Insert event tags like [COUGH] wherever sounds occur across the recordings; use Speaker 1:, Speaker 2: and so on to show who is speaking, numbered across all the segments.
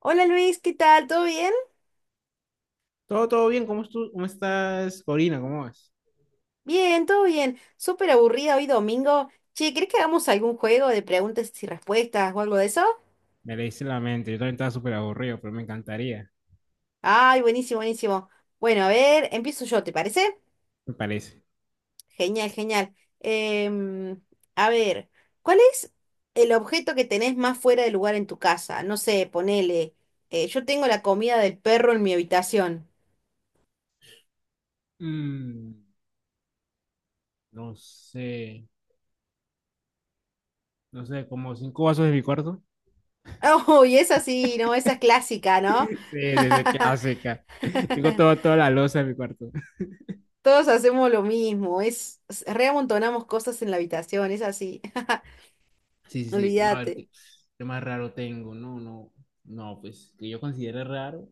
Speaker 1: Hola Luis, ¿qué tal? ¿Todo bien?
Speaker 2: Todo, todo bien, ¿cómo estás, Corina? ¿Cómo vas?
Speaker 1: Bien, todo bien. Súper aburrida hoy domingo. Che, ¿crees que hagamos algún juego de preguntas y respuestas o algo de eso?
Speaker 2: Me leíste la mente, yo también estaba súper aburrido, pero me encantaría,
Speaker 1: Ay, buenísimo, buenísimo. Bueno, a ver, empiezo yo, ¿te parece?
Speaker 2: me parece.
Speaker 1: Genial, genial. Em, a ver, ¿cuál es el objeto que tenés más fuera de lugar en tu casa? No sé, ponele. Yo tengo la comida del perro en mi habitación. [LAUGHS]
Speaker 2: Mm, no sé, no sé, como cinco vasos de mi cuarto. [LAUGHS]
Speaker 1: Oh, y esa sí, no, esa es clásica, ¿no?
Speaker 2: Sí, desde que
Speaker 1: [LAUGHS]
Speaker 2: hace acá. Tengo todo, toda la loza en mi cuarto.
Speaker 1: Todos hacemos lo mismo, reamontonamos cosas en la habitación, es así. [LAUGHS]
Speaker 2: Sí, sí, sí, a
Speaker 1: Olvídate.
Speaker 2: ver, ¿qué más raro tengo? No, no, no, pues que yo considere raro.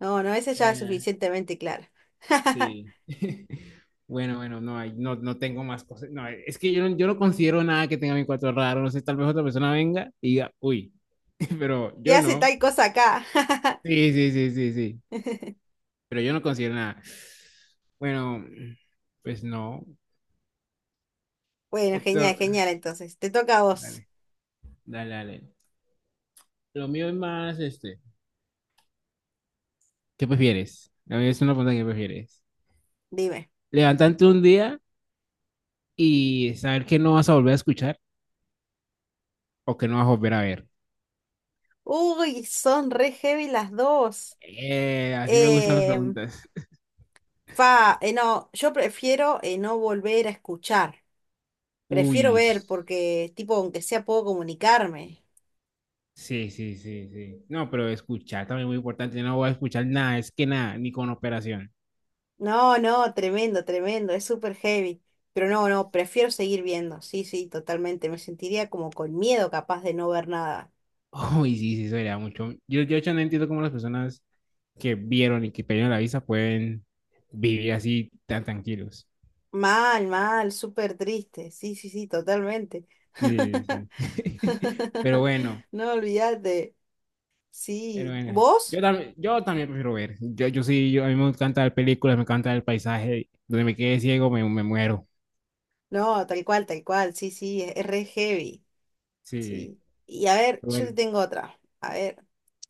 Speaker 1: No, no, esa ya es
Speaker 2: Eh,
Speaker 1: suficientemente clara. [LAUGHS]
Speaker 2: Sí. [LAUGHS] Bueno, bueno, no hay, no, no tengo más cosas. No, es que yo no considero nada que tenga mi cuarto raro. No sé, tal vez otra persona venga y diga, uy, [LAUGHS] pero
Speaker 1: ¿Qué
Speaker 2: yo
Speaker 1: hace
Speaker 2: no.
Speaker 1: tal cosa acá?
Speaker 2: Sí, sí, sí, sí, sí.
Speaker 1: [LAUGHS]
Speaker 2: Pero yo no considero nada. Bueno, pues no.
Speaker 1: Bueno, genial,
Speaker 2: Esto,
Speaker 1: genial. Entonces, te toca a vos.
Speaker 2: dale, dale, dale. Lo mío es más este. ¿Qué prefieres? A mí es una pregunta que prefieres.
Speaker 1: Dime.
Speaker 2: Levantarte un día y saber que no vas a volver a escuchar o que no vas a volver a ver.
Speaker 1: Uy, son re heavy las dos.
Speaker 2: Así me gustan las
Speaker 1: Em,
Speaker 2: preguntas.
Speaker 1: no, yo prefiero no volver a escuchar. Prefiero
Speaker 2: Uy,
Speaker 1: ver porque, tipo, aunque sea, puedo comunicarme.
Speaker 2: sí, sí, sí, sí. No, pero escuchar también es muy importante. Yo no voy a escuchar nada, es que nada, ni con operación.
Speaker 1: No, no, tremendo, tremendo, es súper heavy. Pero no, no, prefiero seguir viendo. Sí, sí, totalmente. Me sentiría como con miedo capaz de no ver nada.
Speaker 2: [LAUGHS] Uy, sí, sí, eso sería mucho. Yo de hecho no entiendo cómo las personas que vieron y que pidieron la visa pueden vivir así tan tranquilos.
Speaker 1: Mal, mal, súper triste. Sí, sí, sí, totalmente.
Speaker 2: Sí,
Speaker 1: [LAUGHS]
Speaker 2: sí. [LAUGHS] Pero
Speaker 1: [LAUGHS]
Speaker 2: bueno,
Speaker 1: No, olvídate.
Speaker 2: pero
Speaker 1: Sí.
Speaker 2: bueno. Yo
Speaker 1: ¿Vos?
Speaker 2: también, yo también prefiero ver. Yo sí, a mí me encanta ver películas, me encanta el paisaje. Donde me quede ciego, me muero.
Speaker 1: No, tal cual, tal cual. Sí, sí, es re heavy.
Speaker 2: Sí.
Speaker 1: Sí. Y a ver,
Speaker 2: Pero
Speaker 1: yo
Speaker 2: bueno,
Speaker 1: te tengo otra. A ver,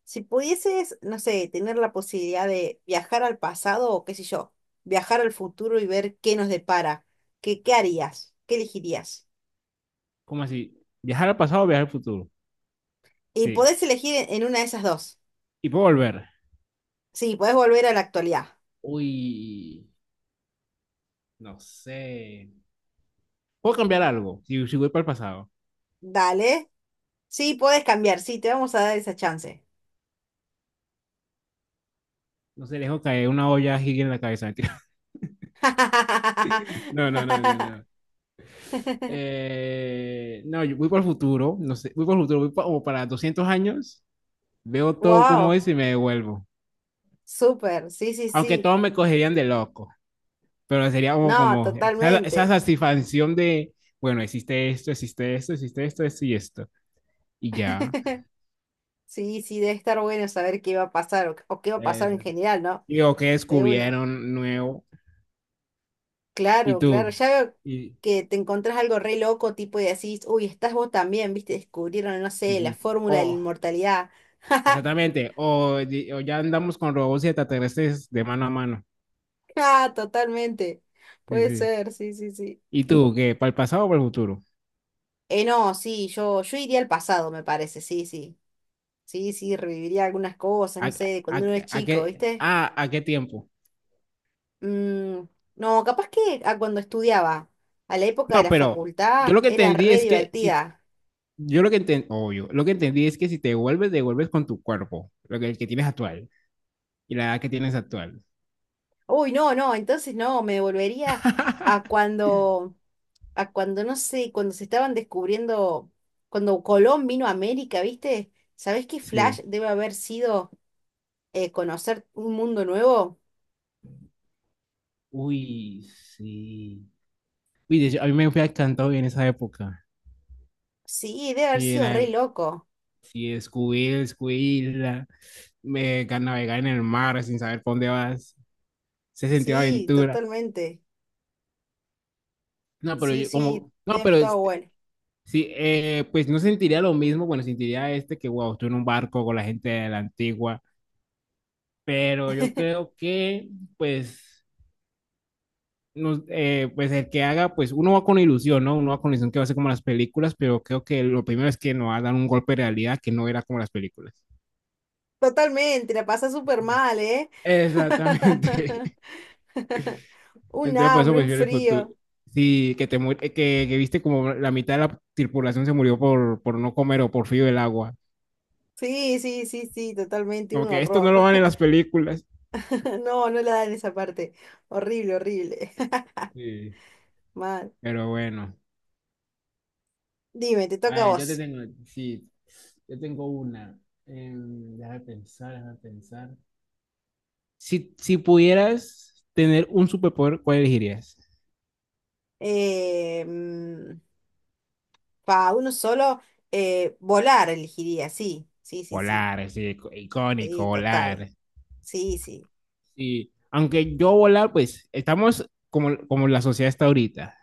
Speaker 1: si pudieses, no sé, tener la posibilidad de viajar al pasado o qué sé yo, viajar al futuro y ver qué nos depara, ¿qué, qué harías? ¿Qué elegirías?
Speaker 2: ¿cómo así? ¿Viajar al pasado o viajar al futuro?
Speaker 1: Y
Speaker 2: Sí.
Speaker 1: podés elegir en una de esas dos.
Speaker 2: Y puedo volver.
Speaker 1: Sí, podés volver a la actualidad.
Speaker 2: Uy, no sé. Puedo cambiar algo si voy para el pasado.
Speaker 1: Dale. Sí, podés cambiar. Sí, te vamos a dar esa chance.
Speaker 2: No sé, dejo caer una olla gigante en la cabeza. Mentira. [LAUGHS] No, no,
Speaker 1: [LAUGHS]
Speaker 2: no, no, no. No, yo voy para el futuro. No sé, voy para el futuro. Voy como para 200 años. Veo todo como
Speaker 1: Wow,
Speaker 2: es y me devuelvo.
Speaker 1: súper. Sí, sí,
Speaker 2: Aunque
Speaker 1: sí.
Speaker 2: todos me cogerían de loco. Pero sería como,
Speaker 1: No,
Speaker 2: como esa
Speaker 1: totalmente.
Speaker 2: satisfacción de, bueno, existe esto, existe esto, existe esto, esto y esto. Y ya.
Speaker 1: [LAUGHS] Sí, sí, debe estar bueno saber qué va a pasar o qué va a
Speaker 2: Eh,
Speaker 1: pasar en general, ¿no?
Speaker 2: Digo, ¿qué
Speaker 1: De una.
Speaker 2: descubrieron nuevo? ¿Y
Speaker 1: Claro, claro.
Speaker 2: tú?
Speaker 1: Ya veo
Speaker 2: Y,
Speaker 1: que te encontrás algo re loco, tipo, y decís, uy, estás vos también, ¿viste? Descubrieron, no
Speaker 2: Sí,
Speaker 1: sé, la
Speaker 2: sí.
Speaker 1: fórmula de la
Speaker 2: O,
Speaker 1: inmortalidad. [LAUGHS]
Speaker 2: exactamente. O ya andamos con robots y extraterrestres de mano a mano.
Speaker 1: Ah, totalmente.
Speaker 2: Sí,
Speaker 1: Puede
Speaker 2: sí.
Speaker 1: ser, sí, sí, sí.
Speaker 2: ¿Y tú, qué? ¿Para el pasado o para el futuro?
Speaker 1: No, sí, yo iría al pasado, me parece, sí, sí. Sí, sí, reviviría algunas cosas,
Speaker 2: ¿A,
Speaker 1: no sé,
Speaker 2: a-
Speaker 1: cuando uno es
Speaker 2: a
Speaker 1: chico,
Speaker 2: qué,
Speaker 1: ¿viste?
Speaker 2: a qué tiempo?
Speaker 1: Mm, no, capaz que a cuando estudiaba, a la época de
Speaker 2: No,
Speaker 1: la
Speaker 2: pero yo
Speaker 1: facultad,
Speaker 2: lo que
Speaker 1: era
Speaker 2: entendí
Speaker 1: re
Speaker 2: es que si,
Speaker 1: divertida.
Speaker 2: yo lo que entendí, obvio, lo que entendí es que si te vuelves con tu cuerpo, lo que, el que tienes actual y la edad que tienes actual.
Speaker 1: Uy, no, no, entonces no, me volvería a
Speaker 2: [LAUGHS]
Speaker 1: cuando, a cuando, no sé, cuando se estaban descubriendo, cuando Colón vino a América, ¿viste? ¿Sabés qué flash
Speaker 2: Sí.
Speaker 1: debe haber sido conocer un mundo nuevo?
Speaker 2: Uy, sí. Uy, de hecho, a mí me fue encantado en esa época.
Speaker 1: Sí, debe haber
Speaker 2: Sí,
Speaker 1: sido re loco.
Speaker 2: sí, Scooby, Scooby, navegar en el mar sin saber por dónde vas, se sentía
Speaker 1: Sí,
Speaker 2: aventura.
Speaker 1: totalmente.
Speaker 2: No, pero
Speaker 1: Sí,
Speaker 2: yo
Speaker 1: sí,
Speaker 2: como, no,
Speaker 1: debe haber
Speaker 2: pero
Speaker 1: estado
Speaker 2: este,
Speaker 1: bueno.
Speaker 2: sí, pues no sentiría lo mismo, bueno, sentiría este que, wow, estoy en un barco con la gente de la antigua, pero yo
Speaker 1: [LAUGHS]
Speaker 2: creo que, pues, no, pues el que haga, pues uno va con ilusión, ¿no? Uno va con ilusión que va a ser como las películas, pero creo que lo primero es que nos va a dar un golpe de realidad que no era como las películas.
Speaker 1: Totalmente, la pasa súper mal, ¿eh?
Speaker 2: Exactamente.
Speaker 1: [LAUGHS] Un
Speaker 2: Entonces, por eso
Speaker 1: hambre, un
Speaker 2: prefiero el futuro.
Speaker 1: frío.
Speaker 2: Sí, que que viste como la mitad de la tripulación se murió por no comer o por frío del agua.
Speaker 1: Sí, sí, sí, sí, totalmente, un
Speaker 2: Como que esto no lo
Speaker 1: horror.
Speaker 2: van en
Speaker 1: [LAUGHS]
Speaker 2: las películas.
Speaker 1: No, no la dan esa parte. Horrible, horrible.
Speaker 2: Sí.
Speaker 1: [LAUGHS] Mal.
Speaker 2: Pero bueno.
Speaker 1: Dime, te toca
Speaker 2: A
Speaker 1: a
Speaker 2: ver, yo
Speaker 1: vos.
Speaker 2: te tengo, sí, yo tengo una. Déjame pensar, déjame pensar. Si pudieras tener un superpoder, ¿cuál elegirías?
Speaker 1: Eh, mm, uno solo, volar elegiría, sí, sí, sí, sí.
Speaker 2: Volar, sí,
Speaker 1: Sí,
Speaker 2: icónico,
Speaker 1: total.
Speaker 2: volar.
Speaker 1: Sí, sí.
Speaker 2: Sí, aunque yo volar, pues estamos como la sociedad está ahorita.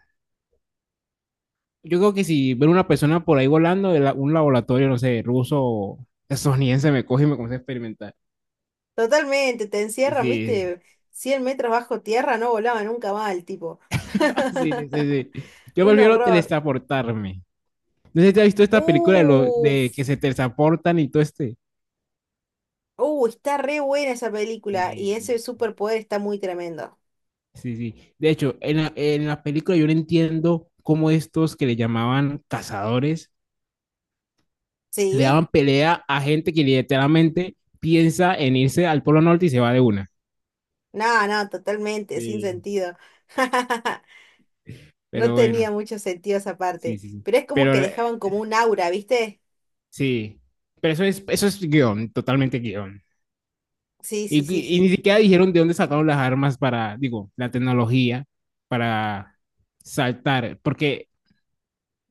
Speaker 2: Yo creo que si ver una persona por ahí volando un laboratorio, no sé, ruso o estadounidense, me coge y me comienza a experimentar.
Speaker 1: Totalmente, te encierran,
Speaker 2: Sí,
Speaker 1: viste, 100 metros bajo tierra, no volaba nunca más el tipo.
Speaker 2: [LAUGHS] sí, sí, sí.
Speaker 1: [LAUGHS]
Speaker 2: Sí. Yo
Speaker 1: Un
Speaker 2: prefiero
Speaker 1: horror.
Speaker 2: teletransportarme. No sé si te has visto esta película de, lo,
Speaker 1: Uf,
Speaker 2: de que se teletransportan y todo este.
Speaker 1: Está re buena esa película y ese
Speaker 2: Sí,
Speaker 1: superpoder está muy tremendo.
Speaker 2: sí, sí. De hecho, en la, película yo no entiendo cómo estos que le llamaban cazadores le
Speaker 1: ¿Sí?
Speaker 2: daban pelea a gente que literalmente piensa en irse al Polo Norte y se va de una.
Speaker 1: No, no, totalmente, sin
Speaker 2: Sí.
Speaker 1: sentido. [LAUGHS] No
Speaker 2: Pero
Speaker 1: tenía
Speaker 2: bueno,
Speaker 1: mucho sentido esa
Speaker 2: sí,
Speaker 1: parte,
Speaker 2: sí, sí.
Speaker 1: pero es como
Speaker 2: Pero
Speaker 1: que
Speaker 2: la-
Speaker 1: dejaban como un aura, ¿viste?
Speaker 2: Sí, pero eso es guión, totalmente guión.
Speaker 1: Sí,
Speaker 2: Y,
Speaker 1: sí, sí,
Speaker 2: y- y ni
Speaker 1: sí.
Speaker 2: siquiera dijeron de dónde sacaron las armas para, digo, la tecnología para saltar, porque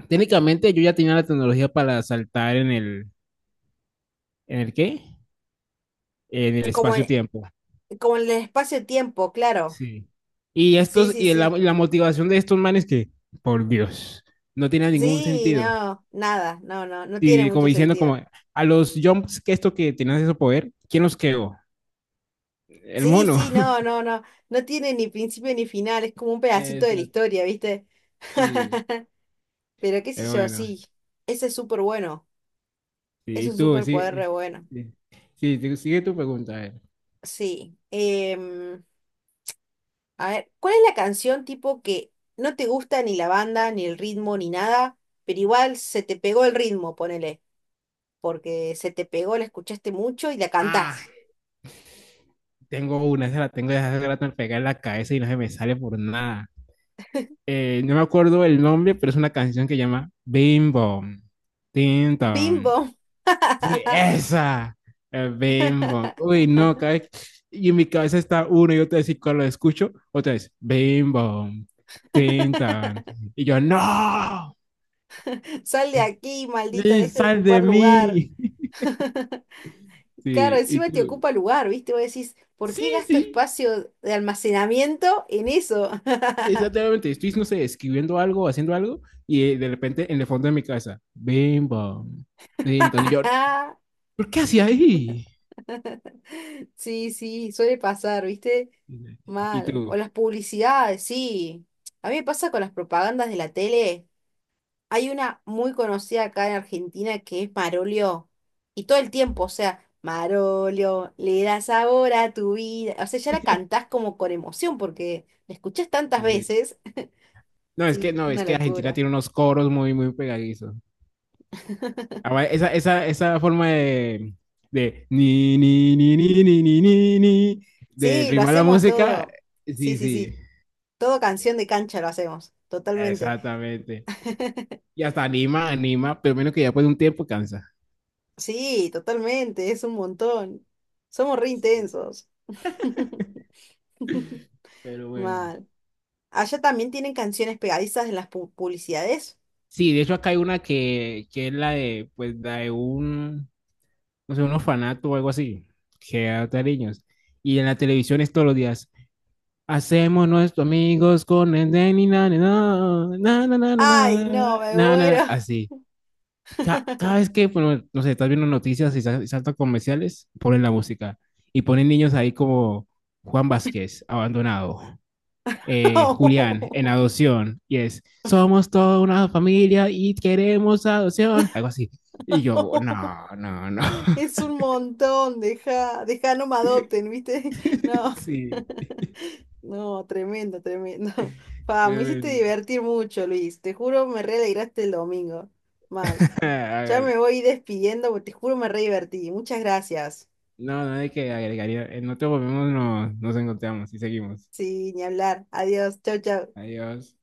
Speaker 2: técnicamente yo ya tenía la tecnología para saltar ¿en el qué? En el
Speaker 1: Es como en,
Speaker 2: espacio-tiempo.
Speaker 1: como en el espacio-tiempo, claro.
Speaker 2: Sí. Y
Speaker 1: Sí,
Speaker 2: estos,
Speaker 1: sí,
Speaker 2: y la,
Speaker 1: sí.
Speaker 2: y la motivación de estos manes que, por Dios, no tiene ningún
Speaker 1: Sí,
Speaker 2: sentido.
Speaker 1: no, nada, no, no, no tiene
Speaker 2: Y como
Speaker 1: mucho
Speaker 2: diciendo,
Speaker 1: sentido.
Speaker 2: como, a los jumps que esto que tenían ese poder, ¿quién los creó? El
Speaker 1: Sí,
Speaker 2: mono.
Speaker 1: sí, no, no, no, no tiene ni principio ni final, es como un
Speaker 2: [LAUGHS]
Speaker 1: pedacito de la
Speaker 2: Exacto.
Speaker 1: historia, ¿viste?
Speaker 2: Sí.
Speaker 1: [LAUGHS] Pero qué sé
Speaker 2: Pero
Speaker 1: yo,
Speaker 2: bueno,
Speaker 1: sí, ese es súper bueno,
Speaker 2: sí,
Speaker 1: es
Speaker 2: y
Speaker 1: un
Speaker 2: tú,
Speaker 1: superpoder re
Speaker 2: sí,
Speaker 1: bueno.
Speaker 2: sí, sí, sigue tu pregunta. A ver.
Speaker 1: Sí. A ver, ¿cuál es la canción tipo que no te gusta ni la banda, ni el ritmo, ni nada, pero igual se te pegó el ritmo, ponele, porque se te pegó, la escuchaste mucho y la
Speaker 2: Ah,
Speaker 1: cantás?
Speaker 2: tengo una, esa la tengo desde hace rato al pegar en la cabeza y no se me sale por nada. No me acuerdo el nombre, pero es una canción que llama Bim Bom, Tim Tom.
Speaker 1: Bimbo.
Speaker 2: Sí,
Speaker 1: [LAUGHS]
Speaker 2: esa, Bim Bom. Uy, no, y en mi cabeza está uno y otra vez, y cuando lo escucho, otra vez, Bim Bom, Tim Tom. Y yo, no,
Speaker 1: Sal de aquí, maldita,
Speaker 2: Liz,
Speaker 1: deja de
Speaker 2: sal de
Speaker 1: ocupar lugar.
Speaker 2: mí. [LAUGHS]
Speaker 1: [LAUGHS] Claro,
Speaker 2: Sí, y
Speaker 1: encima te
Speaker 2: tú.
Speaker 1: ocupa lugar, ¿viste? Vos decís, ¿por
Speaker 2: Sí,
Speaker 1: qué gasto
Speaker 2: sí,
Speaker 1: espacio de almacenamiento en eso?
Speaker 2: exactamente. Estoy, no sé, escribiendo algo, haciendo algo, y de repente en el fondo de mi cabeza, bim, bam. Y entonces yo,
Speaker 1: [LAUGHS]
Speaker 2: ¿por qué hacía ahí?
Speaker 1: Sí, sí, suele pasar, ¿viste?
Speaker 2: Y
Speaker 1: Mal. O
Speaker 2: tú,
Speaker 1: las publicidades, sí. A mí me pasa con las propagandas de la tele. Hay una muy conocida acá en Argentina que es Marolio. Y todo el tiempo, o sea, Marolio, le da sabor a tu vida. O sea, ya la cantás como con emoción porque la escuchás tantas
Speaker 2: sí, sí.
Speaker 1: veces. [LAUGHS]
Speaker 2: No, es que
Speaker 1: Sí,
Speaker 2: no, es
Speaker 1: una
Speaker 2: que Argentina
Speaker 1: locura.
Speaker 2: tiene unos coros muy, muy pegadizos.
Speaker 1: [LAUGHS]
Speaker 2: Ahora, esa forma de ni, ni, ni, ni, ni, ni, ni, ni, de
Speaker 1: Sí, lo
Speaker 2: rimar la
Speaker 1: hacemos
Speaker 2: música,
Speaker 1: todo. Sí,
Speaker 2: sí,
Speaker 1: sí,
Speaker 2: sí,
Speaker 1: sí. Todo canción de cancha lo hacemos, totalmente.
Speaker 2: exactamente.
Speaker 1: [LAUGHS]
Speaker 2: Y hasta anima, anima, pero menos que ya después de un tiempo cansa.
Speaker 1: Sí, totalmente, es un montón. Somos re intensos. [LAUGHS]
Speaker 2: Pero bueno.
Speaker 1: Mal. ¿Allá también tienen canciones pegadizas en las publicidades?
Speaker 2: Sí, de hecho acá hay una que es la de, pues, la de un, no sé, un orfanato o algo así, que adopta niños. Y en la televisión es todos los días. Hacemos nuestros amigos con el de ni na, ni na, na, na, na, na,
Speaker 1: Ay,
Speaker 2: na,
Speaker 1: no, me
Speaker 2: na, na",
Speaker 1: muero.
Speaker 2: así. Cada vez
Speaker 1: [LAUGHS]
Speaker 2: que, bueno, no sé, estás viendo noticias y saltan comerciales, ponen la música. Y ponen niños ahí como Juan Vázquez, abandonado Julián en adopción y es, somos toda una familia y queremos adopción, algo así. Y yo, no, no, no.
Speaker 1: Es un montón, deja, deja, no me adopten, ¿viste? [LAUGHS] No,
Speaker 2: [LAUGHS] Sí,
Speaker 1: [LAUGHS] no, tremendo, tremendo. [LAUGHS] Pa, me hiciste
Speaker 2: tremendo.
Speaker 1: divertir mucho, Luis. Te juro, me re alegraste el domingo. Mal.
Speaker 2: [LAUGHS]
Speaker 1: Ya me
Speaker 2: Hágale.
Speaker 1: voy despidiendo, porque te juro, me re divertí. Muchas gracias.
Speaker 2: No, no hay que agregaría. En otro momento nos encontramos y seguimos.
Speaker 1: Sí, ni hablar. Adiós. Chau, chau.
Speaker 2: Adiós.